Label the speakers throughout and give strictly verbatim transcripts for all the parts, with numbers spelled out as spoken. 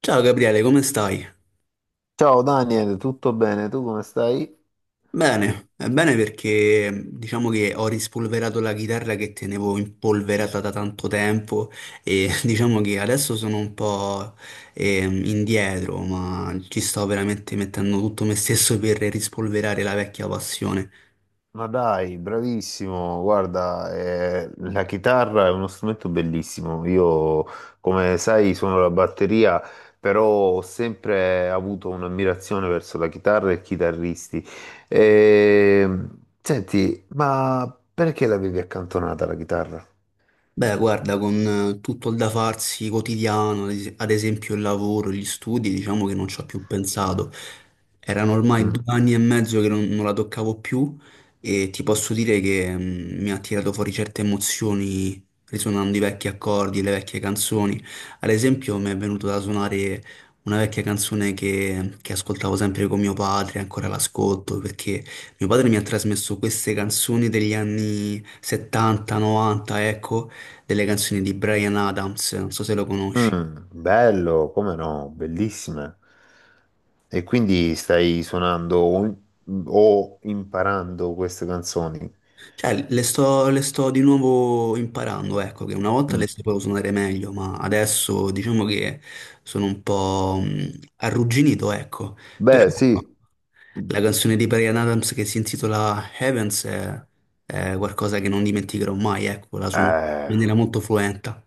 Speaker 1: Ciao Gabriele, come stai?
Speaker 2: Ciao Daniel, tutto bene? Tu come stai?
Speaker 1: Bene, è bene perché diciamo che ho rispolverato la chitarra che tenevo impolverata da tanto tempo e diciamo che adesso sono un po' ehm, indietro, ma ci sto veramente mettendo tutto me stesso per rispolverare la vecchia passione.
Speaker 2: Ma dai, bravissimo. Guarda, eh, la chitarra è uno strumento bellissimo. Io, come sai, suono la batteria, però ho sempre avuto un'ammirazione verso la chitarra e i chitarristi. E senti, ma perché l'avevi accantonata la chitarra?
Speaker 1: Beh, guarda, con eh, tutto il da farsi quotidiano, ad es- ad esempio il lavoro, gli studi, diciamo che non ci ho più pensato. Erano ormai due
Speaker 2: Mm.
Speaker 1: anni e mezzo che non, non la toccavo più e ti posso dire che mm, mi ha tirato fuori certe emozioni risuonando i vecchi accordi, le vecchie canzoni. Ad esempio mi è venuto da suonare una vecchia canzone che, che ascoltavo sempre con mio padre, ancora l'ascolto, perché mio padre mi ha trasmesso queste canzoni degli anni settanta, novanta, ecco, delle canzoni di Bryan Adams, non so se lo conosci.
Speaker 2: Mm, bello, come no, bellissime. E quindi stai suonando o o imparando queste canzoni?
Speaker 1: Cioè, le sto, le sto di nuovo imparando, ecco, che una volta le
Speaker 2: Mm.
Speaker 1: sapevo suonare meglio, ma adesso diciamo che sono un po' mh, arrugginito, ecco. Però
Speaker 2: Beh, sì.
Speaker 1: la canzone di Bryan Adams che si intitola Heavens è, è qualcosa che non dimenticherò mai, ecco, la suono in
Speaker 2: Eh.
Speaker 1: maniera molto fluenta.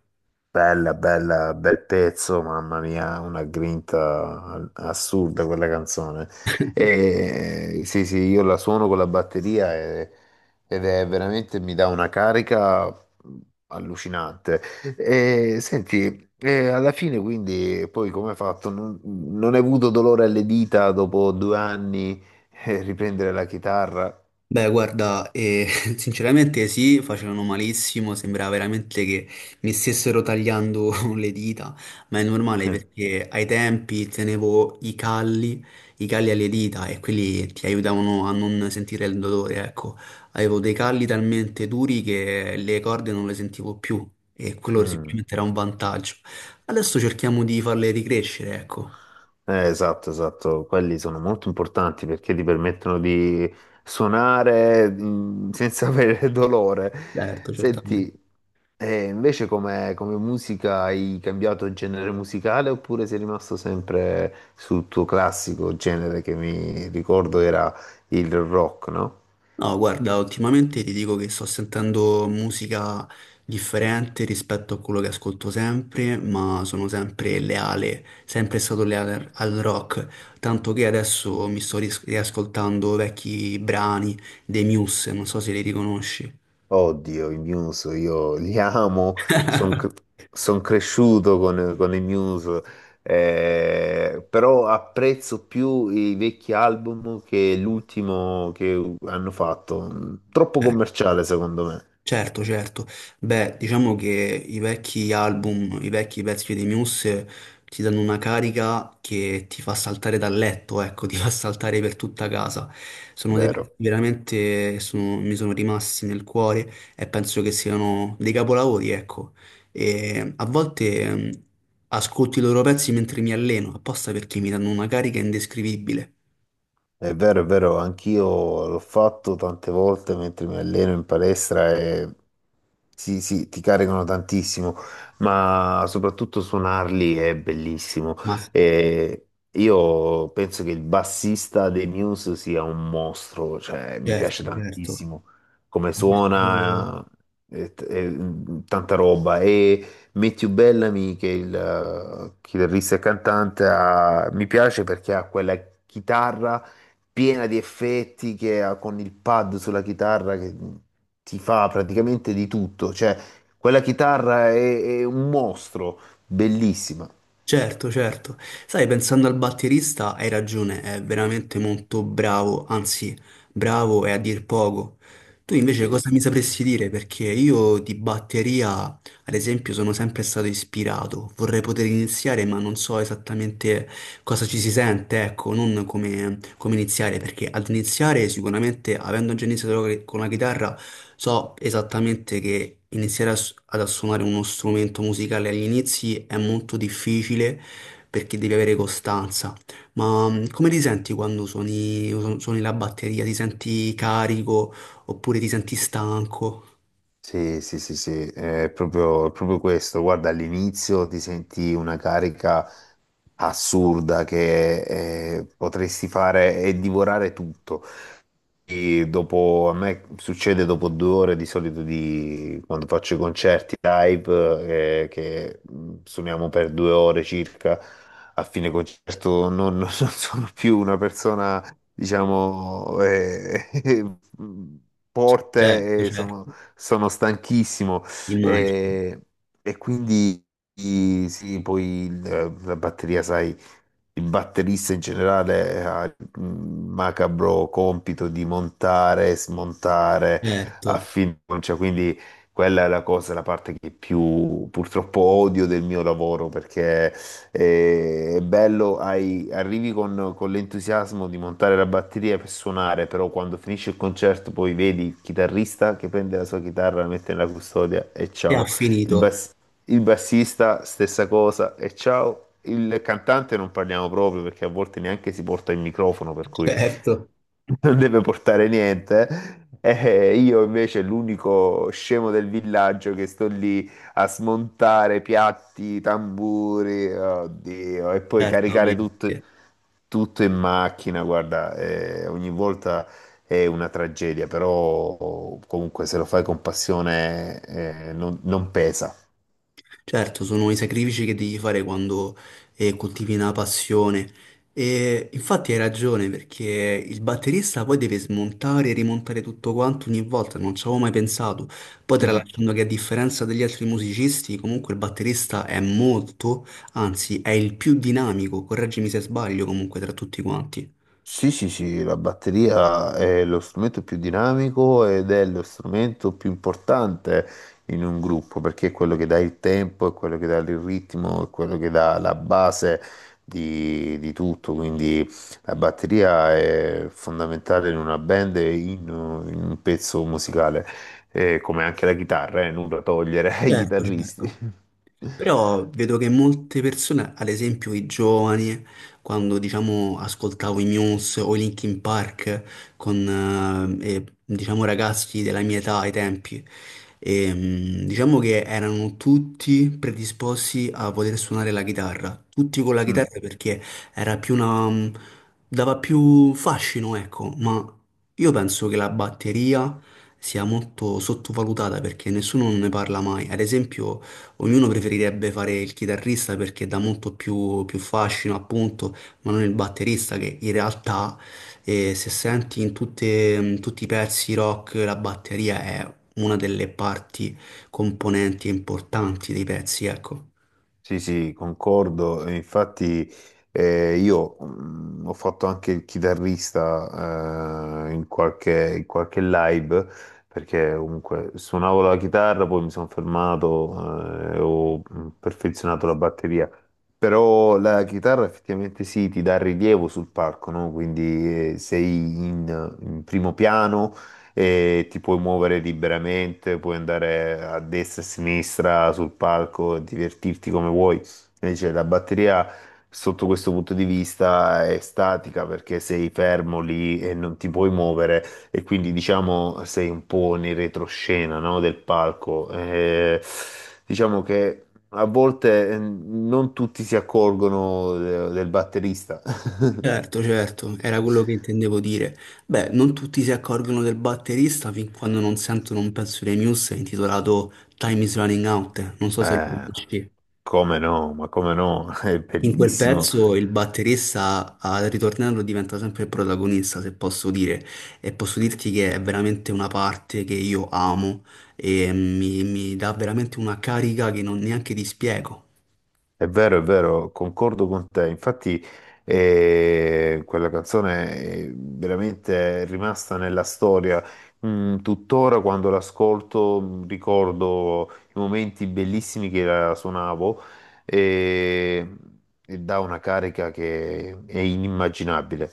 Speaker 2: Bella, bella, bel pezzo, mamma mia, una grinta assurda quella canzone. E sì, sì, io la suono con la batteria e- ed è veramente mi dà una carica allucinante. E senti, e alla fine quindi poi come hai fatto? Non, non hai avuto dolore alle dita dopo due anni eh, riprendere la chitarra?
Speaker 1: Beh, guarda, eh, sinceramente sì, facevano malissimo, sembrava veramente che mi stessero tagliando le dita, ma è normale
Speaker 2: Eh.
Speaker 1: perché ai tempi tenevo i calli, i calli alle dita e quelli ti aiutavano a non sentire il dolore, ecco. Avevo dei calli talmente duri che le corde non le sentivo più e quello
Speaker 2: Mm.
Speaker 1: sicuramente era un vantaggio. Adesso cerchiamo di farle ricrescere, ecco.
Speaker 2: Eh, esatto, esatto, quelli sono molto importanti perché ti permettono di suonare mh, senza avere dolore.
Speaker 1: Certo, certamente.
Speaker 2: Senti, eh, invece come, come musica hai cambiato genere musicale oppure sei rimasto sempre sul tuo classico genere che mi ricordo era il rock, no?
Speaker 1: No, guarda, ultimamente ti dico che sto sentendo musica differente rispetto a quello che ascolto sempre, ma sono sempre leale, sempre stato leale al al rock, tanto che adesso mi sto ris- riascoltando vecchi brani dei Muse, non so se li riconosci.
Speaker 2: Oddio, i Muse, io li amo, sono cresciuto con, con i Muse, eh, però apprezzo più i vecchi album che l'ultimo che hanno fatto. Troppo commerciale, secondo me.
Speaker 1: Certo, certo. Beh, diciamo che i vecchi album, i vecchi pezzi di Muse ti danno una carica che ti fa saltare dal letto, ecco, ti fa saltare per tutta casa. Sono dei pezzi
Speaker 2: Vero.
Speaker 1: che veramente sono- mi sono rimasti nel cuore e penso che siano dei capolavori, ecco. E a volte mh, ascolto i loro pezzi mentre mi alleno, apposta perché mi danno una carica indescrivibile.
Speaker 2: È vero, è vero, anch'io l'ho fatto tante volte mentre mi alleno in palestra e sì, sì, ti caricano tantissimo, ma soprattutto suonarli è bellissimo.
Speaker 1: Ma sì,
Speaker 2: E io penso che il bassista dei Muse sia un mostro, cioè mi piace
Speaker 1: certo, certo.
Speaker 2: tantissimo come suona, e t- e, mm, tanta roba. E Matthew Bellamy, che è il eh, chitarrista e cantante, ha- mi piace perché ha quella chitarra piena di effetti che ha con il pad sulla chitarra che ti fa praticamente di tutto. Cioè, quella chitarra è, è un mostro, bellissima.
Speaker 1: Certo, certo. Sai, pensando al batterista, hai ragione, è veramente molto bravo, anzi, bravo è a dir poco. Tu invece
Speaker 2: Sì.
Speaker 1: cosa mi sapresti dire? Perché io di batteria, ad esempio, sono sempre stato ispirato. Vorrei poter iniziare, ma non so esattamente cosa ci si sente, ecco, non come, come iniziare, perché ad iniziare sicuramente, avendo già iniziato con la chitarra, so esattamente che iniziare a s- ad suonare uno strumento musicale agli inizi è molto difficile perché devi avere costanza, ma mh, come ti senti quando suoni, su- suoni la batteria? Ti senti carico oppure ti senti stanco?
Speaker 2: Sì, sì, sì, sì, è proprio, è proprio questo. Guarda, all'inizio ti senti una carica assurda che eh, potresti fare e divorare tutto. E dopo, a me succede dopo due ore di solito di quando faccio i concerti live, eh, che mh, suoniamo per due ore circa. A fine concerto non, non sono più una persona, diciamo, eh,
Speaker 1: Certo,
Speaker 2: forte e sono,
Speaker 1: certo,
Speaker 2: sono stanchissimo.
Speaker 1: immagino,
Speaker 2: Eh, e quindi sì, poi il- la batteria, sai, il batterista in generale ha il macabro compito di montare, smontare a
Speaker 1: certo.
Speaker 2: fiducia, quindi quella è la cosa, la parte che più purtroppo odio del mio lavoro, perché eh, è bello, hai- arrivi con, con l'entusiasmo di montare la batteria per suonare, però quando finisce il concerto poi vedi il chitarrista che prende la sua chitarra, la mette nella custodia e
Speaker 1: E ha
Speaker 2: ciao. Il,
Speaker 1: finito,
Speaker 2: bas- il bassista, stessa cosa. E ciao, il cantante non parliamo proprio perché a volte neanche si porta il microfono, per cui
Speaker 1: certo,
Speaker 2: non deve portare niente. E io invece l'unico scemo del villaggio che sto lì a smontare piatti, tamburi, oddio, e poi caricare tutto,
Speaker 1: certamente.
Speaker 2: tutto in macchina. Guarda, eh, ogni volta è una tragedia, però comunque se lo fai con passione, eh, non non pesa.
Speaker 1: Certo, sono i sacrifici che devi fare quando eh, coltivi una passione. E infatti hai ragione perché il batterista poi deve smontare e rimontare tutto quanto ogni volta, non ci avevo mai pensato. Poi tralasciando che a differenza degli altri musicisti, comunque il batterista è molto, anzi è il più dinamico, correggimi se sbaglio comunque tra tutti quanti.
Speaker 2: Sì, sì, sì, la batteria è lo strumento più dinamico ed è lo strumento più importante in un gruppo perché è quello che dà il tempo, è quello che dà il ritmo, è quello che dà la base di, di tutto. Quindi la batteria è fondamentale in una band e in, in un pezzo musicale. Eh, come anche la chitarra, eh, nulla da togliere ai
Speaker 1: Certo,
Speaker 2: chitarristi.
Speaker 1: certo. Però vedo che molte persone, ad esempio i giovani, quando diciamo ascoltavo i Muse o i Linkin Park con eh, eh, diciamo ragazzi della mia età ai tempi, ehm, diciamo che erano tutti predisposti a poter suonare la chitarra, tutti con la
Speaker 2: Mm.
Speaker 1: chitarra perché era più una, dava più fascino, ecco, ma io penso che la batteria sia molto sottovalutata perché nessuno ne parla mai. Ad esempio ognuno preferirebbe fare il chitarrista perché dà molto più, più fascino, appunto, ma non il batterista che in realtà, eh, se senti in tutte- in tutti i pezzi rock, la batteria è una delle parti componenti importanti dei pezzi, ecco.
Speaker 2: Sì, sì, concordo. E infatti, eh, io mm, ho fatto anche il chitarrista eh, in qualche, in qualche live, perché comunque suonavo la chitarra, poi mi sono fermato eh, e ho mm, perfezionato la batteria. Però la chitarra effettivamente sì, ti dà rilievo sul palco, no? Quindi eh, sei in, in primo piano e ti puoi muovere liberamente, puoi andare a destra e a sinistra sul palco, divertirti come vuoi. Invece la batteria, sotto questo punto di vista, è statica perché sei fermo lì e non ti puoi muovere e quindi diciamo sei un po' nel retroscena, no? del palco. Eh, diciamo che a volte eh, non tutti si accorgono de- del batterista.
Speaker 1: Certo, certo, era quello che intendevo dire. Beh, non tutti si accorgono del batterista fin quando non sentono un pezzo dei Muse intitolato Time is Running Out, eh, non so se lo
Speaker 2: Eh,
Speaker 1: conosci.
Speaker 2: come no, ma come no, è
Speaker 1: In quel
Speaker 2: bellissimo.
Speaker 1: pezzo il batterista al ritornello diventa sempre il protagonista, se posso dire, e posso dirti che è veramente una parte che io amo e mi, mi dà veramente una carica che non neanche ti spiego.
Speaker 2: È vero, è vero, concordo con te. Infatti, eh, quella canzone è veramente rimasta nella storia. Mm, tuttora quando l'ascolto mm, ricordo i momenti bellissimi che la suonavo e, e dà una carica che è inimmaginabile.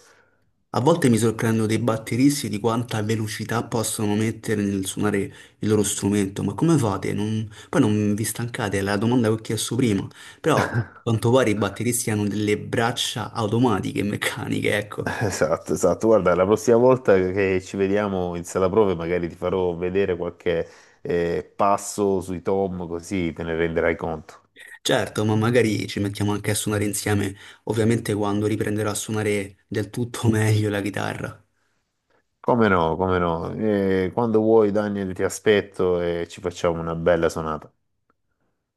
Speaker 1: A volte mi sorprendo dei batteristi di quanta velocità possono mettere nel suonare il loro strumento, ma come fate? Non- Poi non vi stancate, è la domanda che ho chiesto prima, però a quanto pare i batteristi hanno delle braccia automatiche, meccaniche, ecco.
Speaker 2: Esatto, esatto. Guarda, la prossima volta che ci vediamo in sala prove, magari ti farò vedere qualche eh, passo sui tom, così te ne renderai conto.
Speaker 1: Certo, ma magari ci mettiamo anche a suonare insieme, ovviamente quando riprenderò a suonare del tutto meglio la chitarra.
Speaker 2: Come no, come no. Eh, quando vuoi, Daniel, ti aspetto e ci facciamo una bella sonata.